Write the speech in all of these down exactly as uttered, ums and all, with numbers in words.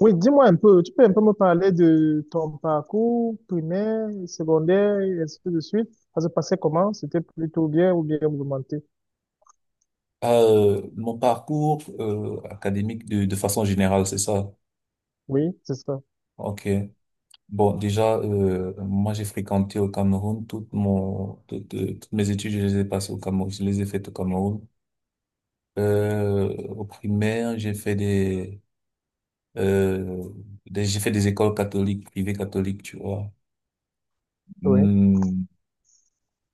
Oui, dis-moi un peu, tu peux un peu me parler de ton parcours primaire, secondaire, et ainsi de suite. Ça se passait comment? C'était plutôt bien ou bien mouvementé? Euh, mon parcours euh, académique de, de façon générale, c'est ça. Oui, c'est ça. Ok. Bon, déjà, euh, moi, j'ai fréquenté au Cameroun toutes mon toutes, euh, toutes mes études, je les ai passées au Cameroun, je les ai faites au Cameroun. Euh, au primaire, j'ai fait des, euh, des- j'ai fait des écoles catholiques, privées catholiques, tu vois. Oui, Hmm.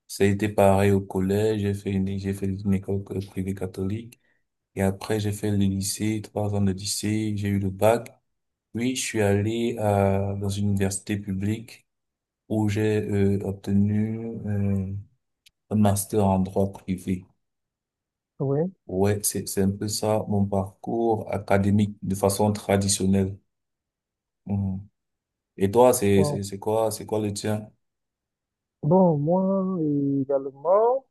Ça a été pareil au collège, j'ai fait une, j'ai fait une école euh, privée catholique. Et après, j'ai fait le lycée, trois ans de lycée, j'ai eu le bac. Oui, je suis allé à, dans une université publique où j'ai euh, obtenu euh, un master en droit privé. oui. Ouais, c'est, c'est un peu ça mon parcours académique de façon traditionnelle. Mhm. Et toi, c'est, Bon, c'est, c'est quoi, c'est quoi le tien? Bon, moi également.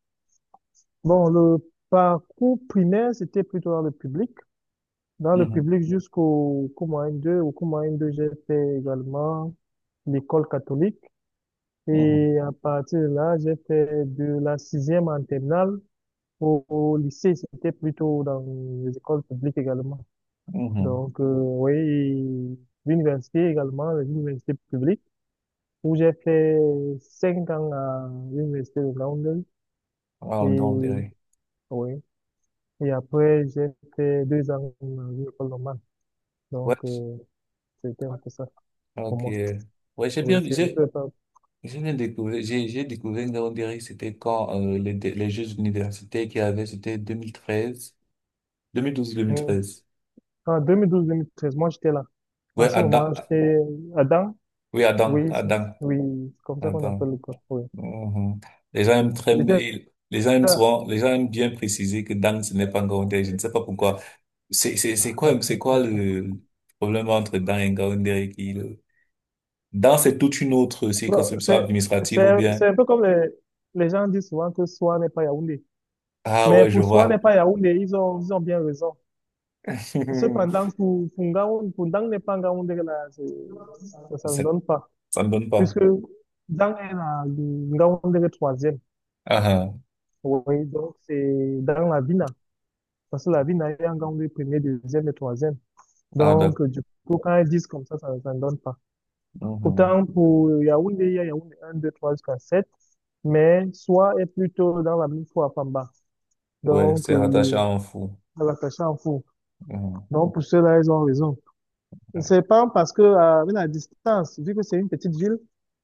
Bon, le parcours primaire, c'était plutôt dans le public. Dans le Mhm, public jusqu'au cours moyen deux. Au cours moyen deux, j'ai fait également l'école catholique. mhm, Et à partir de là, j'ai fait de la sixième en terminale. Au, au lycée, c'était plutôt dans les écoles publiques également. mhm. Donc, euh, oui, l'université également, les universités publiques où j'ai fait cinq ans à l'université de Londres. Ah, donc, Et, euh, oui. Et après, j'ai fait deux ans à une école normale. Donc, ouais, euh, c'était un peu ça pour ok. moi. Ouais, j'ai Oui, bien, c'est un j'ai, peu ça. j'ai bien découvert, j'ai, j'ai découvert, on dirait que c'était quand euh, les, les Jeux universitaires qu'il y avait, c'était deux mille treize, Mm. deux mille douze-deux mille treize. En deux mille douze-deux mille treize, moi, j'étais là. En Ouais, ce Adam. moment, j'étais à Dan. Oui, Adam. Oui, c'est- Adam. oui, c'est comme ça qu'on appelle Adam. le corps. Oui. Mhm. Les gens aiment très, J'étais ils- les gens aiment souvent, Les gens aiment bien préciser que Dan, ce n'est pas Ngaoundéré. Je ne sais pas pourquoi. C'est, c'est, c'est quoi, c'est quoi le problème entre Dan et Ngaoundéré qui, le- Dan, c'est toute une autre Bon, circonscription C'est, administrative c'est, ou c'est bien. un peu comme les, les gens disent souvent que Soi n'est pas Yaoundé. Ah Mais ouais, je pour Soi n'est vois. pas Yaoundé, ils ont, ils ont bien raison. Cependant, pour, pour Ngaoundé, pour Dang n'est pas Ngaoundé, là, c'est- ça, ça Ça, ne donne pas. ça ne donne Puisque pas. Dang est la, Ngaoundé est troisième. Ah, ah, Oui, donc c'est dans la Vina. Parce que la Vina est Ngaoundé premier, deuxième et troisième. ah, Donc, d'accord. du coup, quand ils disent comme ça, ça, ça ne donne pas. Mhm. Autant pour Yaoundé, il y a Yaoundé un, deux, trois jusqu'à sept, mais Soa est plutôt dans la même fois à Pamba. Ouais, Donc, c'est rattaché euh, à un fou. à la Cachanfou. Mhm. Donc, pour cela, ils ont raison. Ouais. C'est pas parce que, euh, avec la distance, vu que c'est une petite ville,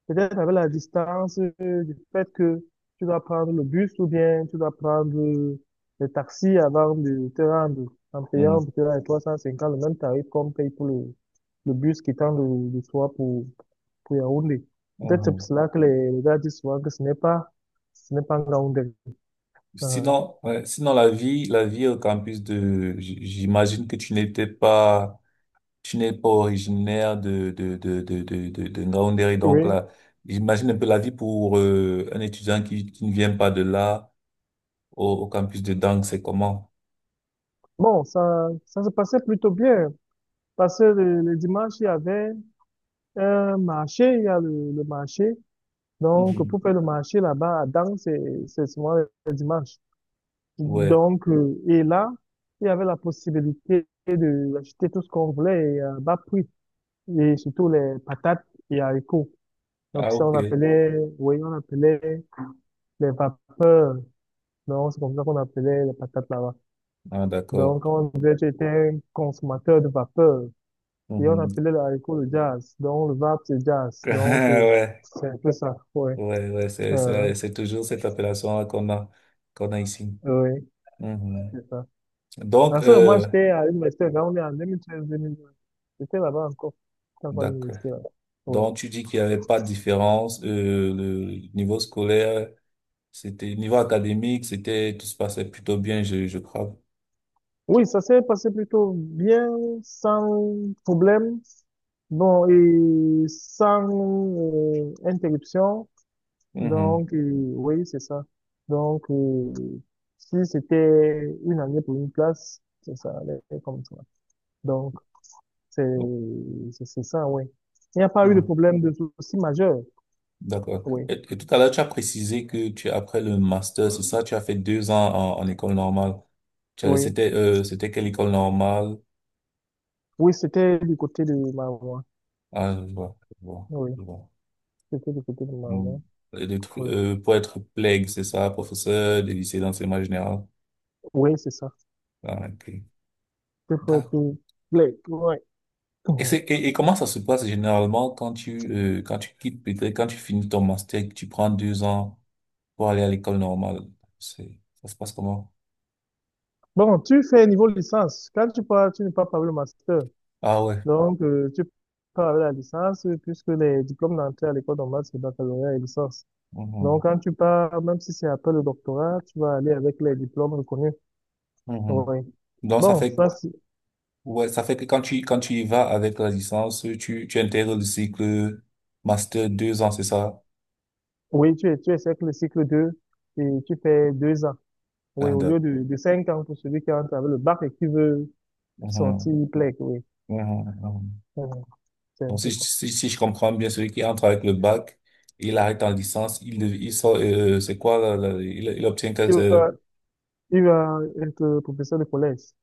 peut-être avec la distance euh, du fait que tu dois prendre le bus ou bien tu dois prendre euh, le taxi avant de te rendre en payant Mhm. peut-être à trois cent cinquante le même tarif qu'on paye pour le, le bus qui tend de, de Soa pour, pour Yaoundé. Peut-être c'est pour Mhm. cela que les, les gars disent souvent que ce n'est pas, ce n'est pas Ngaoundé. Euh, Sinon, ouais, sinon la vie, la vie au campus de, j- j'imagine que tu n'étais pas, tu n'es pas originaire de de de de de de, de Ngaoundéré. donc oui. là, j'imagine un peu la vie pour euh, un étudiant qui qui ne vient pas de là au, au campus de Dang, c'est comment? Bon, ça, ça se passait plutôt bien. Parce que le, le dimanche, il y avait un marché, il y a le, le marché. Donc, Mhm. pour faire le marché là-bas, à Dang, c'est, c'est souvent le dimanche. Ouais. Donc, euh, et là, il y avait la possibilité de acheter tout ce qu'on voulait et à bas prix. Et surtout les patates et haricots. Donc, Ah, ça, ok. on appelait, oui, on appelait les vapeurs. Non, c'est comme ça qu'on appelait les patates là-bas. Ah, d'accord. Donc, on disait que j'étais un consommateur de vapeur. Et on Mhm. appelait le haricot le jazz. Donc, le vape, c'est jazz. Donc, euh, c'est un peu ça. Ouais. Ouais, ouais, ouais, c'est Euh, c'est c'est toujours cette appellation-là qu'on a qu'on a ici. oui, Mhm. c'est ça. Donc, En ce moment, euh, j'étais à l'université. Là, on est en deux mille treize-deux mille douze. J'étais là-bas encore. J'étais encore à d'accord. l'université là. Oui. Donc, tu dis qu'il n'y avait pas de différence. euh, le niveau scolaire, c'était, niveau académique, c'était, tout se passait plutôt bien, je, je crois. Oui, ça s'est passé plutôt bien, sans problème. Bon, et sans euh, interruption. Mhm. Donc, euh, oui, c'est ça. Donc, euh, si c'était une année pour une classe, ça, ça allait comme ça. Donc, c'est, Oh, c'est c'est ça, oui. Il n'y a pas eu de mhm. problème de souci majeur. D'accord. Oui, Et, et tout à l'heure, tu as précisé que tu, après le master, c'est ça, tu as fait deux ans en, en école normale. Tu as- oui. C'était, euh, c'était quelle école normale? Oui, c'était du côté de ma maman. Ah, je vois, je vois, Oui, je vois. c'était du côté de ma Mhm. maman. Et le tru- Oui, euh, pour être PLEG, c'est ça, professeur des lycées d'enseignement général. oui, c'est ça. Ah, ok. C'est pour pour- pour- ouais. Et c'est, et, et comment ça se passe généralement quand tu, euh, quand tu quittes, peut-être quand tu finis ton master, que tu prends deux ans pour aller à l'école normale? C'est, ça se passe comment? Bon, tu fais niveau licence. Quand tu pars, tu ne pars pas par le master. Ah ouais. Donc, euh, tu pars avec la licence, euh, puisque les diplômes d'entrée à l'école normale, c'est baccalauréat et licence. Donc, Mhm. quand tu pars, même si c'est après le doctorat, tu vas aller avec les diplômes reconnus. Mhm. Oui. Donc ça Bon, fait, ça, c'est- ouais, ça fait que quand tu, quand tu y vas avec la licence, tu, tu intègres le cycle master deux ans, c'est ça? oui, tu, tu essaies que le cycle deux, et tu fais deux ans. Oui, Ah, au lieu d'accord. de, de cinq ans pour celui qui entre avec le bac et qui veut Mhm. sortir P L E C, oui. Mhm. Mhm. Mhm, c'est un Donc si, peu je- ça. si, si je comprends bien, celui qui entre avec le bac, il arrête en licence, il, il sort, euh, c'est quoi, là, là, il, il obtient quel, Il va, euh, il va être professeur de collège.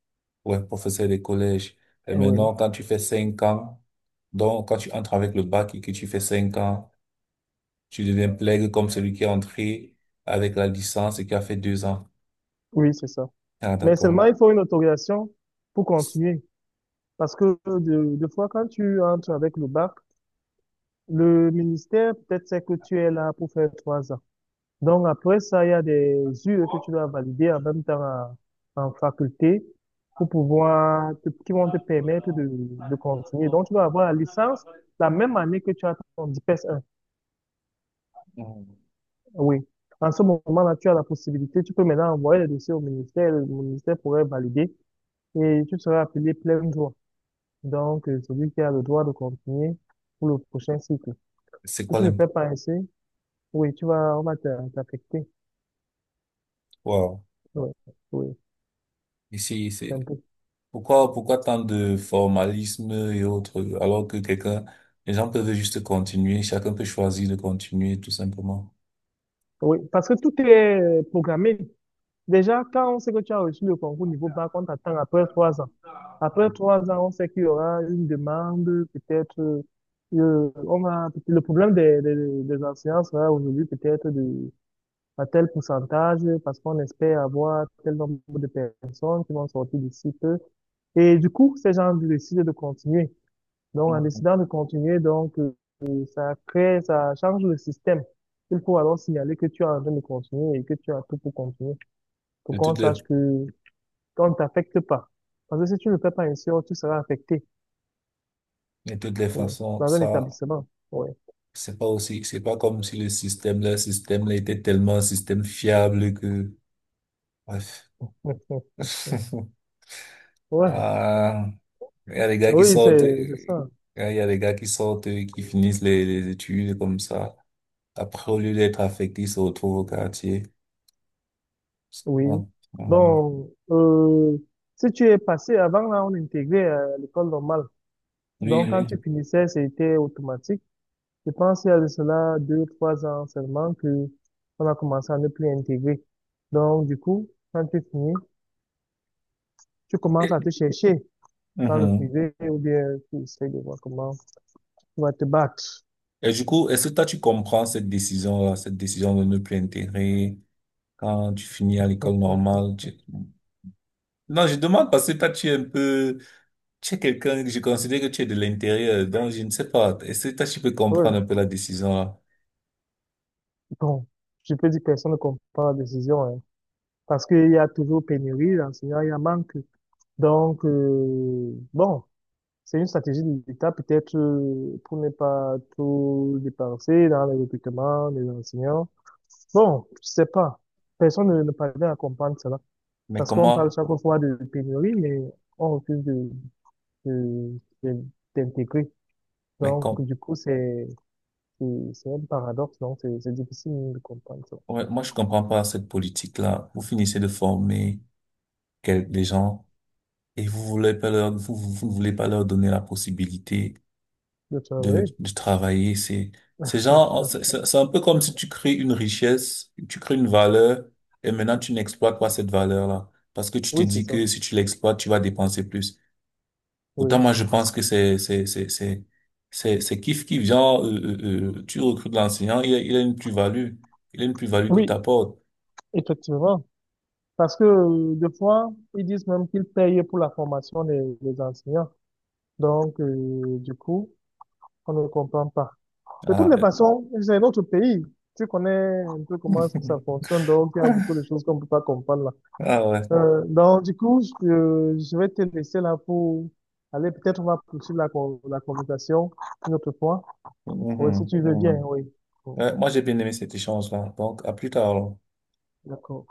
Ouais, professeur des collèges. Et Oui, maintenant, quand tu fais cinq ans, donc quand tu entres avec le bac et que tu fais cinq ans, tu deviens plègue comme celui qui est entré avec la licence et qui a fait deux ans. oui, c'est ça. Ah, Mais d'accord. seulement, il faut une autorisation pour continuer. Parce que de- deux fois, quand tu entres avec le bac, le ministère, peut-être c'est que tu es là pour faire trois ans. Donc après ça, il y a des U E que tu dois valider en même temps à- en faculté pour pouvoir, te- qui vont te permettre de, de continuer. Donc tu dois avoir la licence la même année que tu as ton D P S un. Mm. Oui. En ce moment-là, tu as la possibilité, tu peux maintenant envoyer le dossier au ministère, le ministère pourrait valider et tu seras appelé plein droit. Donc euh, celui qui a le droit de continuer pour le prochain cycle. C'est Si quoi tu ne l'imp... fais pas ainsi, oui, tu vas, on va t'a- t'affecter. Wow. Oui, oui, Ici, c'est c'est... un peu. Pourquoi, pourquoi tant de formalisme et autres, alors que quelqu'un, les gens peuvent juste continuer, chacun peut choisir de continuer, tout simplement. Oui, parce que tout est programmé. Déjà, quand on sait que tu as reçu le concours niveau bac, on t'attend après trois ans. Après trois ans, on sait qu'il y aura une demande, peut-être, euh, euh, on va, le problème des, des, des enseignants sera aujourd'hui peut-être de, à tel pourcentage, parce qu'on espère avoir tel nombre de personnes qui vont sortir d'ici peu. Et du coup, ces gens décident de continuer. Donc, en Mhm. décidant de continuer, donc, euh, euh, ça crée, ça change le système. Il faut alors signaler que tu es en train de continuer et que tu as tout pour continuer, pour De qu'on toutes les, sache que qu'on ne t'affecte pas. Parce que si tu ne le fais pas ainsi, oh, tu seras affecté, de toutes les oui, façons, dans un ça, établissement, oui. C'est pas aussi, c'est pas comme si le système, le système là était tellement un système fiable que, bref. Ouais. Ah, il y a des gars qui Oui, sortent, c'est euh, c'est ça, il y a des gars qui sortent, euh, qui finissent les, les études comme ça. Après, au lieu d'être affectés, ils se retrouvent au quartier. Ah, oui. mhm. Donc, euh, si tu es passé, avant là, on intégrait euh, l'école normale. Oui, Donc, quand oui. tu finissais, c'était automatique. Je pense qu'il y a de cela deux, trois ans seulement que on a commencé à ne plus intégrer. Donc, du coup, quand tu finis, tu commences Et, à te chercher dans le mhm. privé ou bien tu essaies de voir comment tu vas te battre. Et du coup, est-ce que toi, tu comprends cette décision-là, cette décision de ne plus intégrer quand tu finis à l'école normale? tu- Non, je demande parce que toi, tu es un peu, tu es quelqu'un que je considère que tu es de l'intérieur, donc je ne sais pas. Est-ce que toi, tu peux Ouais. comprendre un peu la décision là? Bon, je peux dire que personne ne comprend la décision, hein. Parce qu'il y a toujours pénurie d'enseignants, il y a manque. Donc, euh, bon. C'est une stratégie de l'État, peut-être, euh, pour ne pas tout dépenser dans les recrutements des enseignants. Bon, je sais pas. Personne ne, ne parvient à comprendre cela. Mais Parce qu'on parle comment, chaque fois de pénurie, mais on refuse de, de- de- d'intégrer. mais Donc, com- du coup, c'est, c'est c'est un paradoxe. Donc, c'est c'est difficile de comprendre ça. ouais, moi, je comprends pas cette politique-là. Vous finissez de former quel- les gens et vous voulez pas leur, vous, vous vous ne voulez pas leur donner la possibilité De de, travailler. de travailler. C'est, c'est genre, c'est c'est- C'est un peu comme si tu crées une richesse, tu crées une valeur et maintenant tu n'exploites pas cette valeur-là parce que tu te Oui, c'est dis ça. que si tu l'exploites, tu vas dépenser plus. Autant Oui. moi, je pense que c'est, c'est, c'est, c'est, c'est, c'est kiff qui vient euh, euh, euh, tu recrutes l'enseignant, il a, il a une plus-value. Il a une plus-value qui Oui, t'apporte. effectivement. Parce que, euh, des fois, ils disent même qu'ils payent pour la formation des, des enseignants. Donc, euh, du coup, on ne comprend pas. De toutes Ah, les euh. façons, c'est notre pays. Tu connais un peu comment est-ce que ça fonctionne, donc il y a beaucoup de choses qu'on ne peut pas comprendre là. ah ouais. Euh, donc, du coup, je, je vais te laisser là pour aller, peut-être on va poursuivre la, con- la conversation une autre fois. Oui, si Mhm, tu veux bien, mhm. oui. Bon, Ouais, moi, j'ai bien aimé cet échange-là. Donc, à plus tard. Alors. d'accord.